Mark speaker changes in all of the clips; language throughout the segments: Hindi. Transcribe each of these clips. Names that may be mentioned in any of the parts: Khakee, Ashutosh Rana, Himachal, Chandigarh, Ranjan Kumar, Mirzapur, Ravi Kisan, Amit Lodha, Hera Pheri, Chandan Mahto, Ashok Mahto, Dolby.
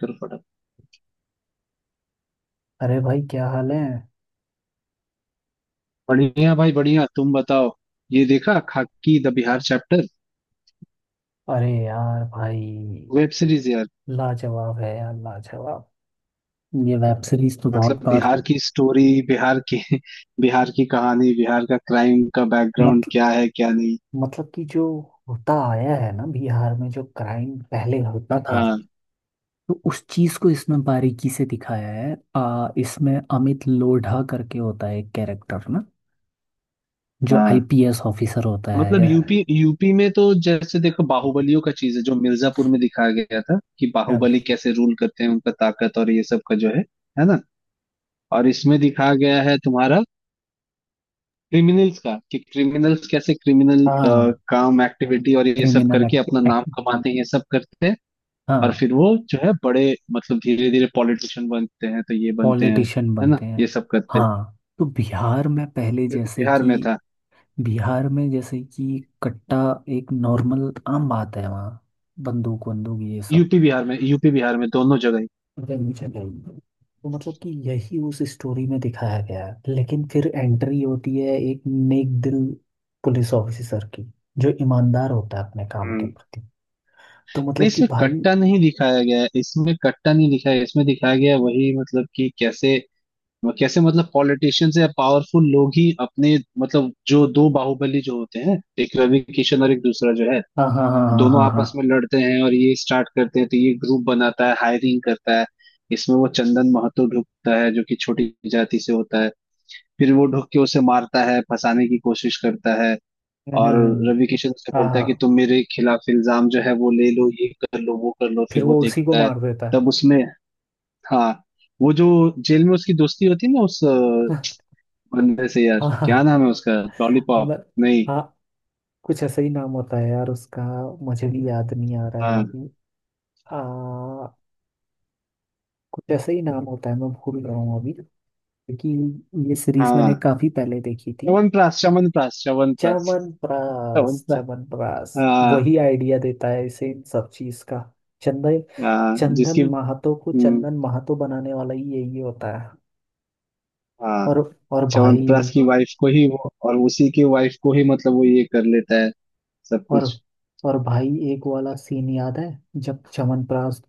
Speaker 1: करो फटाफट।
Speaker 2: अरे भाई क्या हाल है।
Speaker 1: बढ़िया भाई बढ़िया, तुम बताओ। ये देखा खाकी द बिहार चैप्टर
Speaker 2: अरे यार भाई,
Speaker 1: वेब सीरीज यार।
Speaker 2: लाजवाब है यार, लाजवाब। ये वेब सीरीज तो
Speaker 1: मतलब
Speaker 2: बहुत बार।
Speaker 1: बिहार की स्टोरी बिहार की बिहार की कहानी, बिहार का क्राइम का बैकग्राउंड
Speaker 2: मत,
Speaker 1: क्या है क्या नहीं।
Speaker 2: मतलब कि जो होता आया है ना, बिहार में जो क्राइम पहले होता था,
Speaker 1: हाँ।
Speaker 2: तो उस चीज को इसमें बारीकी से दिखाया है। इसमें अमित लोढ़ा करके होता है एक कैरेक्टर ना, जो
Speaker 1: हाँ,
Speaker 2: आईपीएस ऑफिसर होता है
Speaker 1: मतलब
Speaker 2: यार।
Speaker 1: यूपी यूपी में तो जैसे देखो बाहुबलियों का चीज है, जो मिर्जापुर में दिखाया गया था कि बाहुबली कैसे रूल करते हैं, उनका ताकत और ये सब का जो है ना। और इसमें दिखाया गया है तुम्हारा क्रिमिनल्स का, कि क्रिमिनल्स कैसे क्रिमिनल
Speaker 2: हाँ,
Speaker 1: काम एक्टिविटी और ये सब
Speaker 2: क्रिमिनल
Speaker 1: करके अपना नाम
Speaker 2: एक्ट।
Speaker 1: कमाते हैं, ये सब करते हैं। और
Speaker 2: हाँ,
Speaker 1: फिर वो जो है बड़े, मतलब धीरे धीरे पॉलिटिशियन बनते हैं, तो ये बनते हैं,
Speaker 2: पॉलिटिशियन
Speaker 1: है ना,
Speaker 2: बनते हैं।
Speaker 1: ये सब करते हैं,
Speaker 2: हाँ, तो बिहार में पहले
Speaker 1: जो कि
Speaker 2: जैसे
Speaker 1: बिहार
Speaker 2: कि
Speaker 1: में था।
Speaker 2: बिहार में जैसे कि कट्टा एक नॉर्मल आम बात है वहाँ। बंदूक वंदूक ये सब
Speaker 1: यूपी बिहार में, यूपी बिहार में दोनों जगह ही।
Speaker 2: गन चलाई। तो मतलब कि यही उस स्टोरी में दिखाया गया है, लेकिन फिर एंट्री होती है एक नेक दिल पुलिस ऑफिसर की, जो ईमानदार होता है अपने काम के
Speaker 1: हम्म।
Speaker 2: प्रति। तो
Speaker 1: नहीं,
Speaker 2: मतलब कि
Speaker 1: इसमें
Speaker 2: भाई,
Speaker 1: कट्टा नहीं दिखाया गया है, इसमें कट्टा नहीं दिखाया, इसमें दिखाया गया है वही, मतलब कि कैसे, कैसे मतलब पॉलिटिशियंस या पावरफुल लोग ही अपने, मतलब जो दो बाहुबली जो होते हैं, एक रवि किशन और एक दूसरा जो है,
Speaker 2: हाँ हाँ हाँ हाँ
Speaker 1: दोनों
Speaker 2: हाँ हाँ।
Speaker 1: आपस में लड़ते हैं और ये स्टार्ट करते हैं, तो ये ग्रुप बनाता है, हायरिंग करता है। इसमें वो चंदन महतो ढुकता है, जो कि छोटी जाति से होता है। फिर वो ढुक के उसे मारता है, फंसाने की कोशिश करता है।
Speaker 2: हम्म,
Speaker 1: और
Speaker 2: हम्म, हम्म,
Speaker 1: रवि किशन उसे
Speaker 2: हाँ
Speaker 1: बोलता है कि
Speaker 2: हाँ,
Speaker 1: तुम मेरे खिलाफ इल्जाम जो है वो ले लो, ये कर लो वो कर लो, फिर
Speaker 2: फिर
Speaker 1: वो
Speaker 2: वो उसी को
Speaker 1: देखता है।
Speaker 2: मार देता
Speaker 1: तब
Speaker 2: है।
Speaker 1: उसमें, हाँ, वो जो जेल में उसकी दोस्ती होती है ना उस बंदे से, यार
Speaker 2: हाँ
Speaker 1: क्या
Speaker 2: हाँ।
Speaker 1: नाम है उसका? लॉलीपॉप?
Speaker 2: म-
Speaker 1: नहीं।
Speaker 2: हाँ, कुछ ऐसा ही नाम होता है यार उसका, मुझे भी याद नहीं आ रहा
Speaker 1: हाँ
Speaker 2: है। आ, कुछ ऐसा ही नाम होता है, मैं भूल रहा हूँ अभी, क्योंकि ये सीरीज
Speaker 1: हाँ,
Speaker 2: मैंने काफी पहले देखी थी।
Speaker 1: च्यवनप्राश च्यवनप्राश च्यवनप्राश,
Speaker 2: च्यवनप्राश
Speaker 1: च्यवनप्राश।
Speaker 2: च्यवनप्राश,
Speaker 1: हाँ
Speaker 2: वही आइडिया देता है इसे इन सब चीज का। चंदन,
Speaker 1: हाँ, जिसकी,
Speaker 2: चंदन महातो को
Speaker 1: हम्म,
Speaker 2: चंदन महातो बनाने वाला ही यही होता है।
Speaker 1: हाँ
Speaker 2: और और भाई,
Speaker 1: च्यवनप्राश की वाइफ को ही वो, और उसी की वाइफ को ही मतलब वो ये कर लेता है सब
Speaker 2: और
Speaker 1: कुछ।
Speaker 2: और भाई, एक वाला सीन याद है, जब चमनप्रास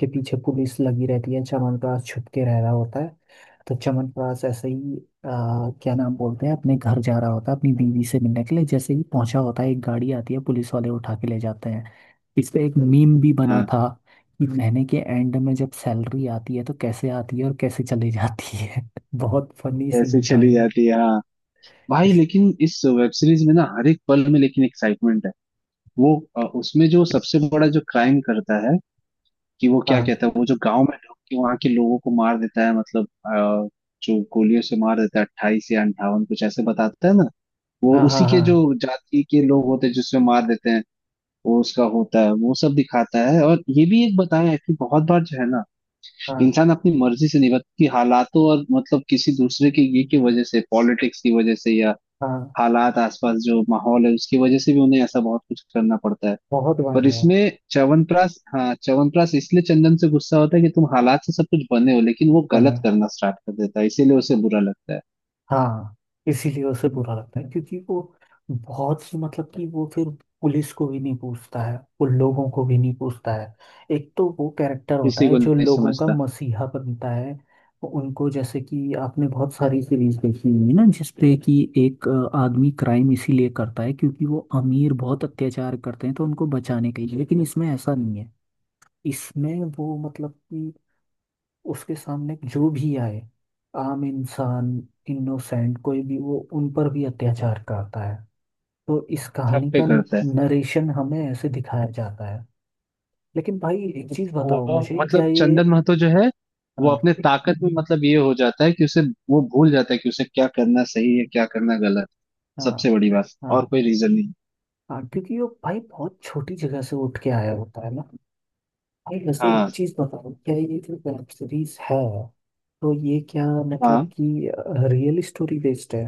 Speaker 2: के पीछे पुलिस लगी रहती है, चमनप्रास छुप के रह रहा होता है, तो चमनप्रास ऐसे ही क्या नाम बोलते हैं, अपने घर जा रहा होता है अपनी बीवी से मिलने के लिए, जैसे ही पहुंचा होता है एक गाड़ी आती है, पुलिस वाले उठा के ले जाते हैं। इस पे एक मीम भी बना
Speaker 1: हाँ,
Speaker 2: था कि महीने के एंड में जब सैलरी आती है तो कैसे आती है और कैसे चली जाती है। बहुत फनी
Speaker 1: ऐसे
Speaker 2: सीन था
Speaker 1: चली
Speaker 2: ये।
Speaker 1: जाती है, हाँ। भाई,
Speaker 2: इस,
Speaker 1: लेकिन इस वेब सीरीज में ना हर एक पल में लेकिन एक्साइटमेंट है। वो उसमें जो सबसे बड़ा जो क्राइम करता है, कि वो क्या
Speaker 2: हाँ
Speaker 1: कहता है, वो जो गांव में ढुक के वहां के लोगों को मार देता है, मतलब जो गोलियों से मार देता है, 28 या 58 कुछ ऐसे बताता है ना। वो
Speaker 2: हाँ
Speaker 1: उसी
Speaker 2: हाँ
Speaker 1: के जो
Speaker 2: हाँ
Speaker 1: जाति के लोग होते हैं, जिसमें मार देते हैं। वो उसका होता है, वो सब दिखाता है। और ये भी एक बताया है कि बहुत बार जो है ना,
Speaker 2: हाँ
Speaker 1: इंसान अपनी मर्जी से नहीं, बल्कि हालातों, और मतलब किसी दूसरे के ये की वजह से, पॉलिटिक्स की वजह से, या
Speaker 2: हाँ।
Speaker 1: हालात, आसपास जो माहौल है उसकी वजह से भी उन्हें ऐसा बहुत कुछ करना पड़ता है।
Speaker 2: बहुत बार
Speaker 1: पर
Speaker 2: यार,
Speaker 1: इसमें च्यवनप्राश, हाँ, च्यवनप्राश इसलिए चंदन से गुस्सा होता है कि तुम हालात से सब कुछ बने हो, लेकिन वो
Speaker 2: बने।
Speaker 1: गलत करना स्टार्ट कर देता है, इसीलिए उसे बुरा लगता है।
Speaker 2: हाँ, इसीलिए उसे बुरा लगता है, क्योंकि वो बहुत सी मतलब कि वो फिर पुलिस को भी नहीं पूछता है, वो लोगों को भी नहीं पूछता है। एक तो वो कैरेक्टर होता
Speaker 1: किसी
Speaker 2: है
Speaker 1: को
Speaker 2: जो
Speaker 1: नहीं
Speaker 2: लोगों का
Speaker 1: समझता,
Speaker 2: मसीहा बनता है, वो उनको जैसे कि आपने बहुत सारी सीरीज देखी होंगी ना, जिसपे कि एक आदमी क्राइम इसीलिए करता है क्योंकि वो अमीर बहुत अत्याचार करते हैं तो उनको बचाने के लिए, लेकिन इसमें ऐसा नहीं है। इसमें वो मतलब कि उसके सामने जो भी आए, आम इंसान, इनोसेंट, कोई भी, वो उन पर भी अत्याचार करता है। तो इस
Speaker 1: सब
Speaker 2: कहानी
Speaker 1: पे
Speaker 2: का
Speaker 1: करता है।
Speaker 2: नरेशन हमें ऐसे दिखाया जाता है। लेकिन भाई एक चीज बताओ
Speaker 1: वो
Speaker 2: मुझे, क्या
Speaker 1: मतलब
Speaker 2: ये,
Speaker 1: चंदन महतो जो है, वो
Speaker 2: हाँ
Speaker 1: अपने ताकत में मतलब ये हो जाता है कि उसे, वो भूल जाता है कि उसे क्या करना सही है क्या करना गलत।
Speaker 2: हाँ
Speaker 1: सबसे बड़ी बात, और
Speaker 2: हाँ
Speaker 1: कोई रीजन नहीं।
Speaker 2: हाँ, क्योंकि वो भाई बहुत छोटी जगह से उठ के आया होता है ना। भाई वैसे एक
Speaker 1: हाँ
Speaker 2: चीज बताओ, क्या ये जो वेब सीरीज है, तो ये क्या
Speaker 1: हाँ।
Speaker 2: मतलब कि रियल स्टोरी बेस्ड है?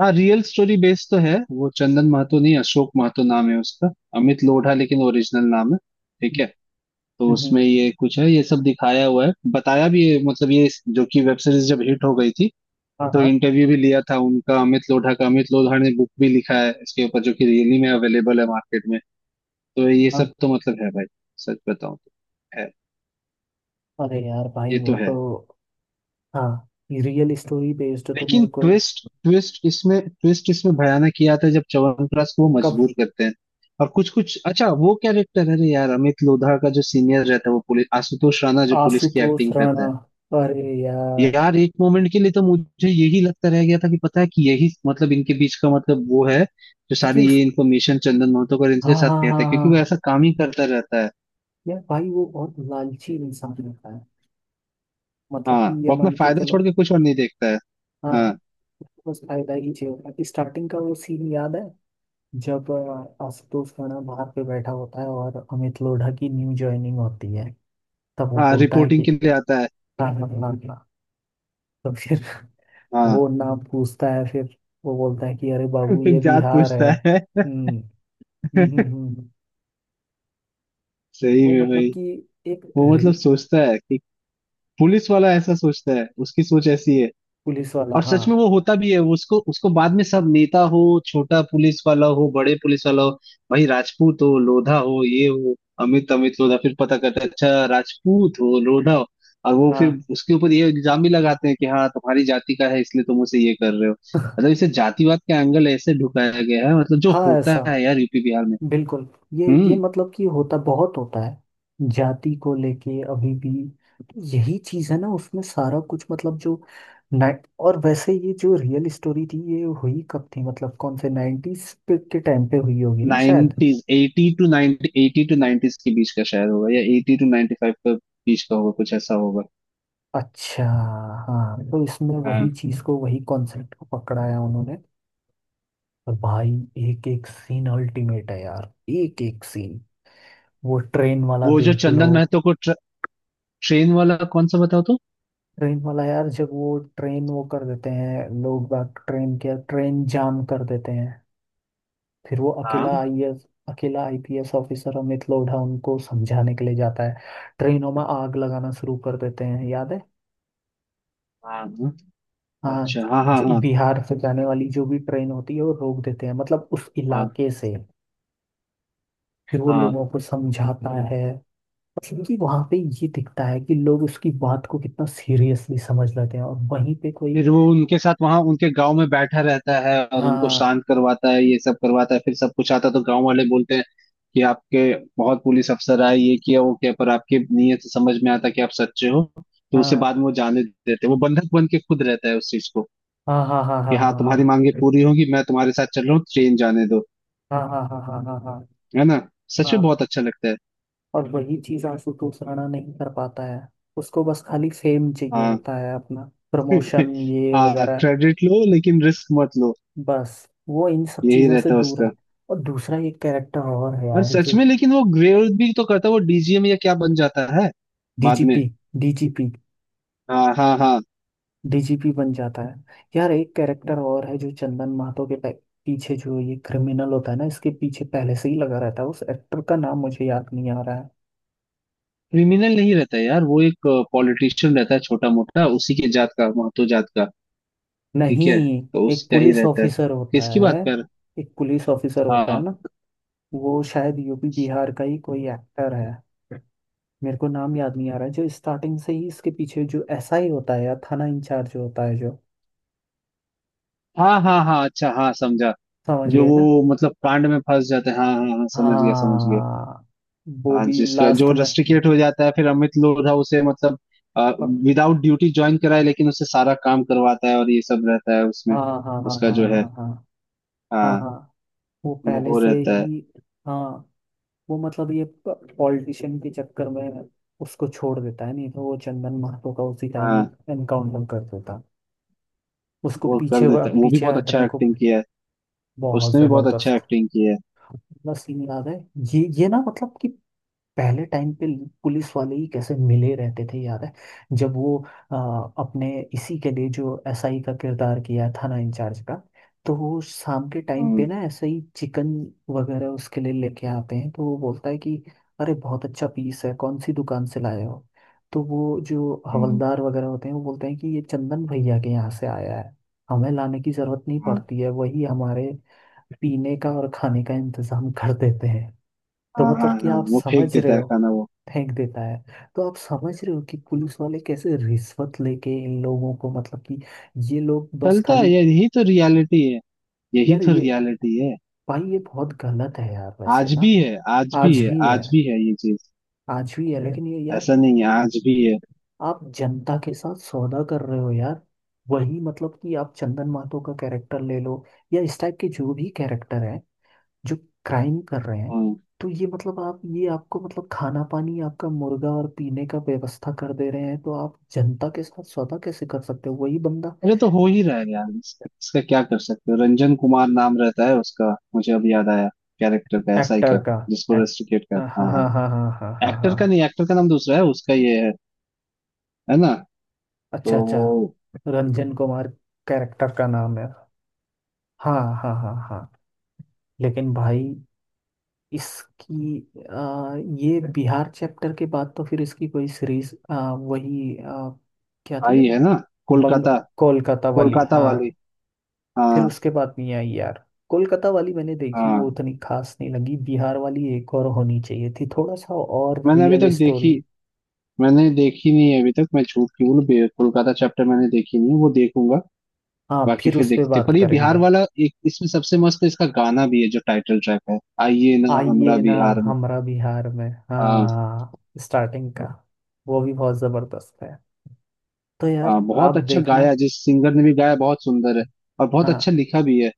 Speaker 1: हाँ रियल स्टोरी बेस्ड तो है। वो चंदन महतो नहीं, अशोक महतो नाम है उसका। अमित लोढ़ा लेकिन ओरिजिनल नाम है। ठीक
Speaker 2: हम्म,
Speaker 1: है, तो
Speaker 2: हम्म,
Speaker 1: उसमें ये कुछ है, ये सब दिखाया हुआ है, बताया भी है मतलब ये, जो कि वेब सीरीज जब हिट हो गई थी,
Speaker 2: हाँ
Speaker 1: तो
Speaker 2: हाँ
Speaker 1: इंटरव्यू भी लिया था उनका अमित लोढ़ा का, अमित लोढ़ा ने बुक भी लिखा है इसके ऊपर, जो कि रियली में अवेलेबल है मार्केट में। तो ये
Speaker 2: हाँ।
Speaker 1: सब तो मतलब है भाई, सच बताऊं तो है,
Speaker 2: अरे यार भाई
Speaker 1: ये तो
Speaker 2: वो
Speaker 1: है।
Speaker 2: तो, हाँ, रियल स्टोरी बेस्ड तो
Speaker 1: लेकिन
Speaker 2: मेरे को ये-,
Speaker 1: ट्विस्ट, ट्विस्ट इसमें ट्विस्ट, इसमें भयानक ये आता है जब च्यवनप्राश को वो
Speaker 2: कब?
Speaker 1: मजबूर करते हैं। और कुछ कुछ अच्छा वो कैरेक्टर है रे यार अमित लोढ़ा का, जो सीनियर रहता है वो पुलिस, आशुतोष राणा जो पुलिस की
Speaker 2: आशुतोष
Speaker 1: एक्टिंग करता
Speaker 2: राणा,
Speaker 1: है।
Speaker 2: अरे यार,
Speaker 1: यार एक मोमेंट के लिए तो मुझे यही लगता रह गया था कि पता है कि यही, मतलब इनके बीच का मतलब वो है, जो
Speaker 2: क्योंकि
Speaker 1: सारी
Speaker 2: उस,
Speaker 1: ये इन्फॉर्मेशन चंदन महतो का
Speaker 2: हाँ
Speaker 1: इनके साथ
Speaker 2: हाँ हाँ
Speaker 1: कहता है, क्योंकि वो
Speaker 2: हाँ।
Speaker 1: ऐसा काम ही करता रहता है।
Speaker 2: यार भाई वो बहुत लालची इंसान होता है, मतलब
Speaker 1: हाँ
Speaker 2: कि ये
Speaker 1: वो अपना
Speaker 2: मान के
Speaker 1: फायदा छोड़
Speaker 2: चलो।
Speaker 1: के कुछ और नहीं देखता है।
Speaker 2: हाँ,
Speaker 1: हाँ।
Speaker 2: उसको बस फायदा ही चाहिए होता है। स्टार्टिंग का वो सीन याद है, जब आशुतोष राणा बाहर पे बैठा होता है और अमित लोढ़ा की न्यू ज्वाइनिंग होती है, तब वो
Speaker 1: हाँ
Speaker 2: बोलता है
Speaker 1: रिपोर्टिंग
Speaker 2: कि
Speaker 1: के लिए आता है।
Speaker 2: हाँ हाँ हाँ हाँ। तो फिर
Speaker 1: हाँ,
Speaker 2: वो नाम पूछता है, फिर वो बोलता है कि अरे बाबू
Speaker 1: फिर
Speaker 2: ये
Speaker 1: जात
Speaker 2: बिहार है।
Speaker 1: पूछता है।
Speaker 2: हम्म, हम्म।
Speaker 1: सही
Speaker 2: वो
Speaker 1: में
Speaker 2: मतलब
Speaker 1: भाई,
Speaker 2: कि, एक
Speaker 1: वो मतलब सोचता है कि, पुलिस वाला ऐसा सोचता है, उसकी सोच ऐसी है।
Speaker 2: पुलिस वाला,
Speaker 1: और
Speaker 2: हाँ
Speaker 1: सच में वो होता भी है, उसको उसको बाद में सब, नेता हो, छोटा पुलिस वाला हो, बड़े पुलिस वाला हो, भाई राजपूत हो लोधा हो ये हो। अमित अमित लोधा फिर पता करता है, अच्छा राजपूत हो लोधा हो। और वो फिर
Speaker 2: हाँ।
Speaker 1: उसके ऊपर ये इल्जाम भी लगाते हैं कि हाँ तुम्हारी जाति का है, इसलिए तुम उसे ये कर रहे हो। मतलब इसे जातिवाद का एंगल ऐसे ढुकाया गया है, मतलब जो
Speaker 2: हाँ ऐसा,
Speaker 1: होता है यार यूपी बिहार में।
Speaker 2: बिल्कुल। ये
Speaker 1: हम्म।
Speaker 2: मतलब कि होता बहुत होता है जाति को लेके अभी भी। तो यही चीज है ना उसमें, सारा कुछ मतलब जो, नाइट। और वैसे ये जो रियल स्टोरी थी ये हुई कब थी, मतलब कौन से नाइन्टीज के टाइम पे हुई होगी ना शायद।
Speaker 1: नाइनटीज 82 90 82 नाइनटीज के बीच का शायद होगा, या 82-95 के बीच का होगा, कुछ ऐसा होगा।
Speaker 2: अच्छा, हाँ, तो इसमें
Speaker 1: हाँ।
Speaker 2: वही चीज को वही कॉन्सेप्ट को पकड़ाया उन्होंने। और भाई एक एक सीन अल्टीमेट है यार, एक एक सीन। वो ट्रेन वाला
Speaker 1: वो जो
Speaker 2: देख लो।
Speaker 1: चंदन महतो को ट्रेन वाला कौन सा बताओ तो?
Speaker 2: ट्रेन वाला यार, जब वो ट्रेन वो कर देते हैं, लोग बाग ट्रेन के ट्रेन जाम कर देते हैं, फिर वो
Speaker 1: हाँ
Speaker 2: अकेला आईएएस, अकेला आईपीएस ऑफिसर अमित लोढ़ा उनको समझाने के लिए जाता है। ट्रेनों में आग लगाना शुरू कर देते हैं, याद है?
Speaker 1: हाँ हाँ,
Speaker 2: हाँ,
Speaker 1: अच्छा हाँ हाँ हाँ
Speaker 2: बिहार से जाने वाली जो भी ट्रेन होती है वो रोक देते हैं, मतलब उस
Speaker 1: हाँ
Speaker 2: इलाके से। फिर वो
Speaker 1: हाँ।
Speaker 2: लोगों को समझाता है, क्योंकि वहां पे ये दिखता है कि लोग उसकी बात को कितना सीरियसली समझ लेते हैं, और वहीं पे कोई,
Speaker 1: फिर वो उनके साथ वहां उनके गांव में बैठा रहता है और उनको
Speaker 2: हाँ
Speaker 1: शांत करवाता है, ये सब करवाता है, फिर सब कुछ आता है तो गांव वाले बोलते हैं कि आपके, बहुत पुलिस अफसर आए ये किया वो किया, पर आपकी नीयत से समझ में आता कि आप सच्चे हो। तो उसे
Speaker 2: हाँ
Speaker 1: बाद में वो जाने देते हैं। वो बंधक बन के खुद रहता है उस चीज को,
Speaker 2: हाँ हाँ हाँ
Speaker 1: कि हाँ
Speaker 2: हाँ
Speaker 1: तुम्हारी मांगे पूरी होगी, मैं तुम्हारे साथ चल रहा हूँ, ट्रेन जाने दो,
Speaker 2: हाँ हाँ, हाँ हाँ हाँ हाँ हाँ
Speaker 1: है ना। सच
Speaker 2: हाँ
Speaker 1: में
Speaker 2: हाँ।
Speaker 1: बहुत अच्छा लगता है।
Speaker 2: और वही चीज आशुतोष राणा नहीं कर पाता है। उसको बस खाली फेम चाहिए
Speaker 1: हाँ।
Speaker 2: होता है अपना, प्रमोशन ये
Speaker 1: हाँ
Speaker 2: वगैरह।
Speaker 1: क्रेडिट लो लेकिन रिस्क मत लो,
Speaker 2: बस वो इन सब
Speaker 1: यही
Speaker 2: चीजों से
Speaker 1: रहता है
Speaker 2: दूर है।
Speaker 1: उसका।
Speaker 2: और दूसरा एक कैरेक्टर और है
Speaker 1: और
Speaker 2: यार,
Speaker 1: सच
Speaker 2: जो,
Speaker 1: में लेकिन वो ग्रेव भी तो करता है, वो डीजीएम या क्या बन जाता है बाद में।
Speaker 2: डीजीपी, डीजीपी,
Speaker 1: हाँ हाँ हाँ।
Speaker 2: डीजीपी बन जाता है। यार एक कैरेक्टर और है जो चंदन महतो के पीछे, जो ये क्रिमिनल होता है ना इसके पीछे पहले से ही लगा रहता है, उस एक्टर का नाम मुझे याद नहीं आ रहा है।
Speaker 1: क्रिमिनल नहीं रहता है यार, वो एक पॉलिटिशियन रहता है छोटा मोटा, उसी के जात का, महतो जात का। ठीक है,
Speaker 2: नहीं,
Speaker 1: तो
Speaker 2: एक
Speaker 1: उसका ही
Speaker 2: पुलिस
Speaker 1: रहता है।
Speaker 2: ऑफिसर होता
Speaker 1: किसकी
Speaker 2: है,
Speaker 1: बात कर?
Speaker 2: एक पुलिस ऑफिसर होता है
Speaker 1: हाँ
Speaker 2: ना, वो शायद यूपी बिहार का ही कोई एक्टर है, मेरे को नाम याद नहीं आ रहा है, जो स्टार्टिंग से ही इसके पीछे जो एसआई होता है या थाना इंचार्ज होता है जो,
Speaker 1: हाँ हाँ हाँ, अच्छा हाँ समझा,
Speaker 2: समझ
Speaker 1: जो
Speaker 2: गए ना?
Speaker 1: वो मतलब कांड में फंस जाते हैं, हाँ हाँ हाँ समझ गया समझ गया।
Speaker 2: हाँ, वो
Speaker 1: हाँ
Speaker 2: भी
Speaker 1: जिसका जो
Speaker 2: लास्ट में,
Speaker 1: रस्टिकेट हो जाता है, फिर अमित लोढ़ा उसे मतलब
Speaker 2: हाँ
Speaker 1: विदाउट ड्यूटी ज्वाइन कराए, लेकिन उसे सारा काम करवाता है और ये सब रहता है
Speaker 2: हाँ
Speaker 1: उसमें,
Speaker 2: हाँ हाँ
Speaker 1: उसका
Speaker 2: हाँ
Speaker 1: जो है,
Speaker 2: हाँ हाँ हाँ
Speaker 1: हाँ
Speaker 2: हाँ, वो पहले
Speaker 1: वो
Speaker 2: से
Speaker 1: रहता है।
Speaker 2: ही, हाँ, वो मतलब ये पॉलिटिशियन के चक्कर में उसको छोड़ देता है, नहीं तो वो चंदन महतो का उसी टाइम
Speaker 1: हाँ
Speaker 2: एनकाउंटर कर देता। उसको
Speaker 1: वो कर
Speaker 2: पीछे,
Speaker 1: देता है, वो भी
Speaker 2: पीछे
Speaker 1: बहुत अच्छा
Speaker 2: हटने को।
Speaker 1: एक्टिंग किया है,
Speaker 2: बहुत
Speaker 1: उसने भी बहुत अच्छा
Speaker 2: जबरदस्त।
Speaker 1: एक्टिंग किया है।
Speaker 2: बस सीन याद है, ये ना मतलब कि, पहले टाइम पे पुलिस वाले ही कैसे मिले रहते थे, याद है, जब वो, अ, अपने इसी के लिए जो एसआई का किरदार किया थाना इंचार्ज का, तो वो शाम के टाइम पे
Speaker 1: हम्म।
Speaker 2: ना ऐसे ही चिकन वगैरह उसके लिए लेके आते हैं, तो वो बोलता है कि अरे बहुत अच्छा पीस है, कौन सी दुकान से लाए हो? तो वो जो हवलदार वगैरह होते हैं वो बोलते हैं कि ये चंदन भैया के यहाँ से आया है, हमें लाने की जरूरत नहीं पड़ती है, वही हमारे पीने का और खाने का इंतजाम कर देते हैं।
Speaker 1: हाँ
Speaker 2: तो
Speaker 1: हाँ
Speaker 2: मतलब कि
Speaker 1: हाँ
Speaker 2: आप
Speaker 1: वो फेंक
Speaker 2: समझ
Speaker 1: देता
Speaker 2: रहे
Speaker 1: है
Speaker 2: हो,
Speaker 1: खाना वो।
Speaker 2: फेंक देता है। तो आप समझ रहे हो कि पुलिस वाले कैसे रिश्वत लेके इन लोगों को, मतलब कि ये लोग बस
Speaker 1: चलता है,
Speaker 2: खाली,
Speaker 1: यही तो रियलिटी है, यही
Speaker 2: यार
Speaker 1: तो
Speaker 2: ये
Speaker 1: रियलिटी है।
Speaker 2: भाई, ये बहुत गलत है यार वैसे
Speaker 1: आज
Speaker 2: ना।
Speaker 1: भी है, आज भी
Speaker 2: आज
Speaker 1: है,
Speaker 2: भी है,
Speaker 1: आज भी है ये चीज,
Speaker 2: आज भी है, लेकिन ये यार,
Speaker 1: ऐसा नहीं है, आज भी है।
Speaker 2: आप जनता के साथ सौदा कर रहे हो यार। वही मतलब कि आप चंदन माथुर का कैरेक्टर ले लो, या इस टाइप के जो भी कैरेक्टर है, जो क्राइम कर रहे हैं,
Speaker 1: हम्म।
Speaker 2: तो ये मतलब आप ये, आपको मतलब खाना पानी, आपका मुर्गा और पीने का व्यवस्था कर दे रहे हैं, तो आप जनता के साथ सौदा कैसे कर सकते हो? वही बंदा,
Speaker 1: अरे तो हो ही रहा है यार, इसका इसका क्या कर सकते हो? रंजन कुमार नाम रहता है उसका, मुझे अब याद आया, कैरेक्टर का, एसआई
Speaker 2: एक्टर
Speaker 1: का,
Speaker 2: का,
Speaker 1: जिसको
Speaker 2: एक्ट,
Speaker 1: रेस्ट्रिकेट कर,
Speaker 2: हाँ हाँ
Speaker 1: हाँ,
Speaker 2: हाँ हाँ हाँ हाँ हाँ
Speaker 1: एक्टर का
Speaker 2: हाँ।
Speaker 1: नहीं, एक्टर का नाम दूसरा है, उसका ये है ना, तो
Speaker 2: अच्छा
Speaker 1: वो।
Speaker 2: अच्छा, रंजन कुमार कैरेक्टर का नाम है। हाँ हाँ हाँ हाँ। लेकिन भाई, इसकी, आ, ये बिहार चैप्टर के बाद तो फिर इसकी कोई सीरीज, वही, क्या थी
Speaker 1: आई है
Speaker 2: वो?
Speaker 1: ना,
Speaker 2: बंग,
Speaker 1: कोलकाता,
Speaker 2: कोलकाता वाली
Speaker 1: कोलकाता वाली,
Speaker 2: हाँ। फिर
Speaker 1: हाँ,
Speaker 2: उसके बाद मियां यार, कोलकाता वाली मैंने देखी, वो
Speaker 1: हाँ
Speaker 2: उतनी खास नहीं लगी, बिहार वाली एक और होनी चाहिए थी थोड़ा सा और,
Speaker 1: मैंने अभी
Speaker 2: रियल
Speaker 1: तक देखी,
Speaker 2: स्टोरी।
Speaker 1: मैंने देखी नहीं है अभी तक, मैं झूठ क्यों बोलूं बे- कोलकाता चैप्टर मैंने देखी नहीं है, वो देखूंगा।
Speaker 2: हाँ,
Speaker 1: बाकी
Speaker 2: फिर
Speaker 1: फिर
Speaker 2: उस पे
Speaker 1: देखते,
Speaker 2: बात
Speaker 1: पर ये बिहार
Speaker 2: करेंगे।
Speaker 1: वाला। एक इसमें सबसे मस्त इसका गाना भी है जो टाइटल ट्रैक है, आइए ना हमरा
Speaker 2: आइए ना
Speaker 1: बिहार में।
Speaker 2: हमारा बिहार में,
Speaker 1: हाँ।
Speaker 2: हाँ। स्टार्टिंग का, वो भी बहुत जबरदस्त है। तो यार
Speaker 1: हाँ बहुत
Speaker 2: आप
Speaker 1: अच्छा
Speaker 2: देखना।
Speaker 1: गाया, जिस सिंगर ने भी गाया बहुत सुंदर है, और बहुत अच्छा
Speaker 2: हाँ
Speaker 1: लिखा भी है।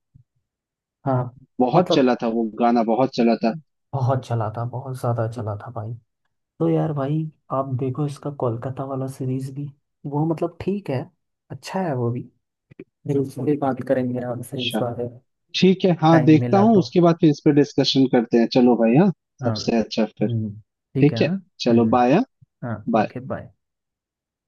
Speaker 2: हाँ
Speaker 1: बहुत
Speaker 2: मतलब,
Speaker 1: चला था वो गाना, बहुत चला था।
Speaker 2: बहुत चला था, बहुत ज्यादा चला था भाई। तो यार भाई, आप देखो इसका कोलकाता वाला सीरीज भी, वो मतलब ठीक है, अच्छा है वो भी। बिल्कुल, भी बात करेंगे आपसे इस
Speaker 1: अच्छा
Speaker 2: बारे में,
Speaker 1: ठीक है, हाँ
Speaker 2: टाइम
Speaker 1: देखता
Speaker 2: मिला
Speaker 1: हूँ,
Speaker 2: तो।
Speaker 1: उसके बाद फिर इस पे डिस्कशन करते हैं, चलो भाई हाँ,
Speaker 2: हाँ
Speaker 1: सबसे अच्छा, फिर
Speaker 2: ठीक है
Speaker 1: ठीक
Speaker 2: हाँ।
Speaker 1: है।
Speaker 2: हम्म
Speaker 1: चलो
Speaker 2: हम्म,
Speaker 1: बाय हाँ,
Speaker 2: हाँ
Speaker 1: बाय।
Speaker 2: Okay bye.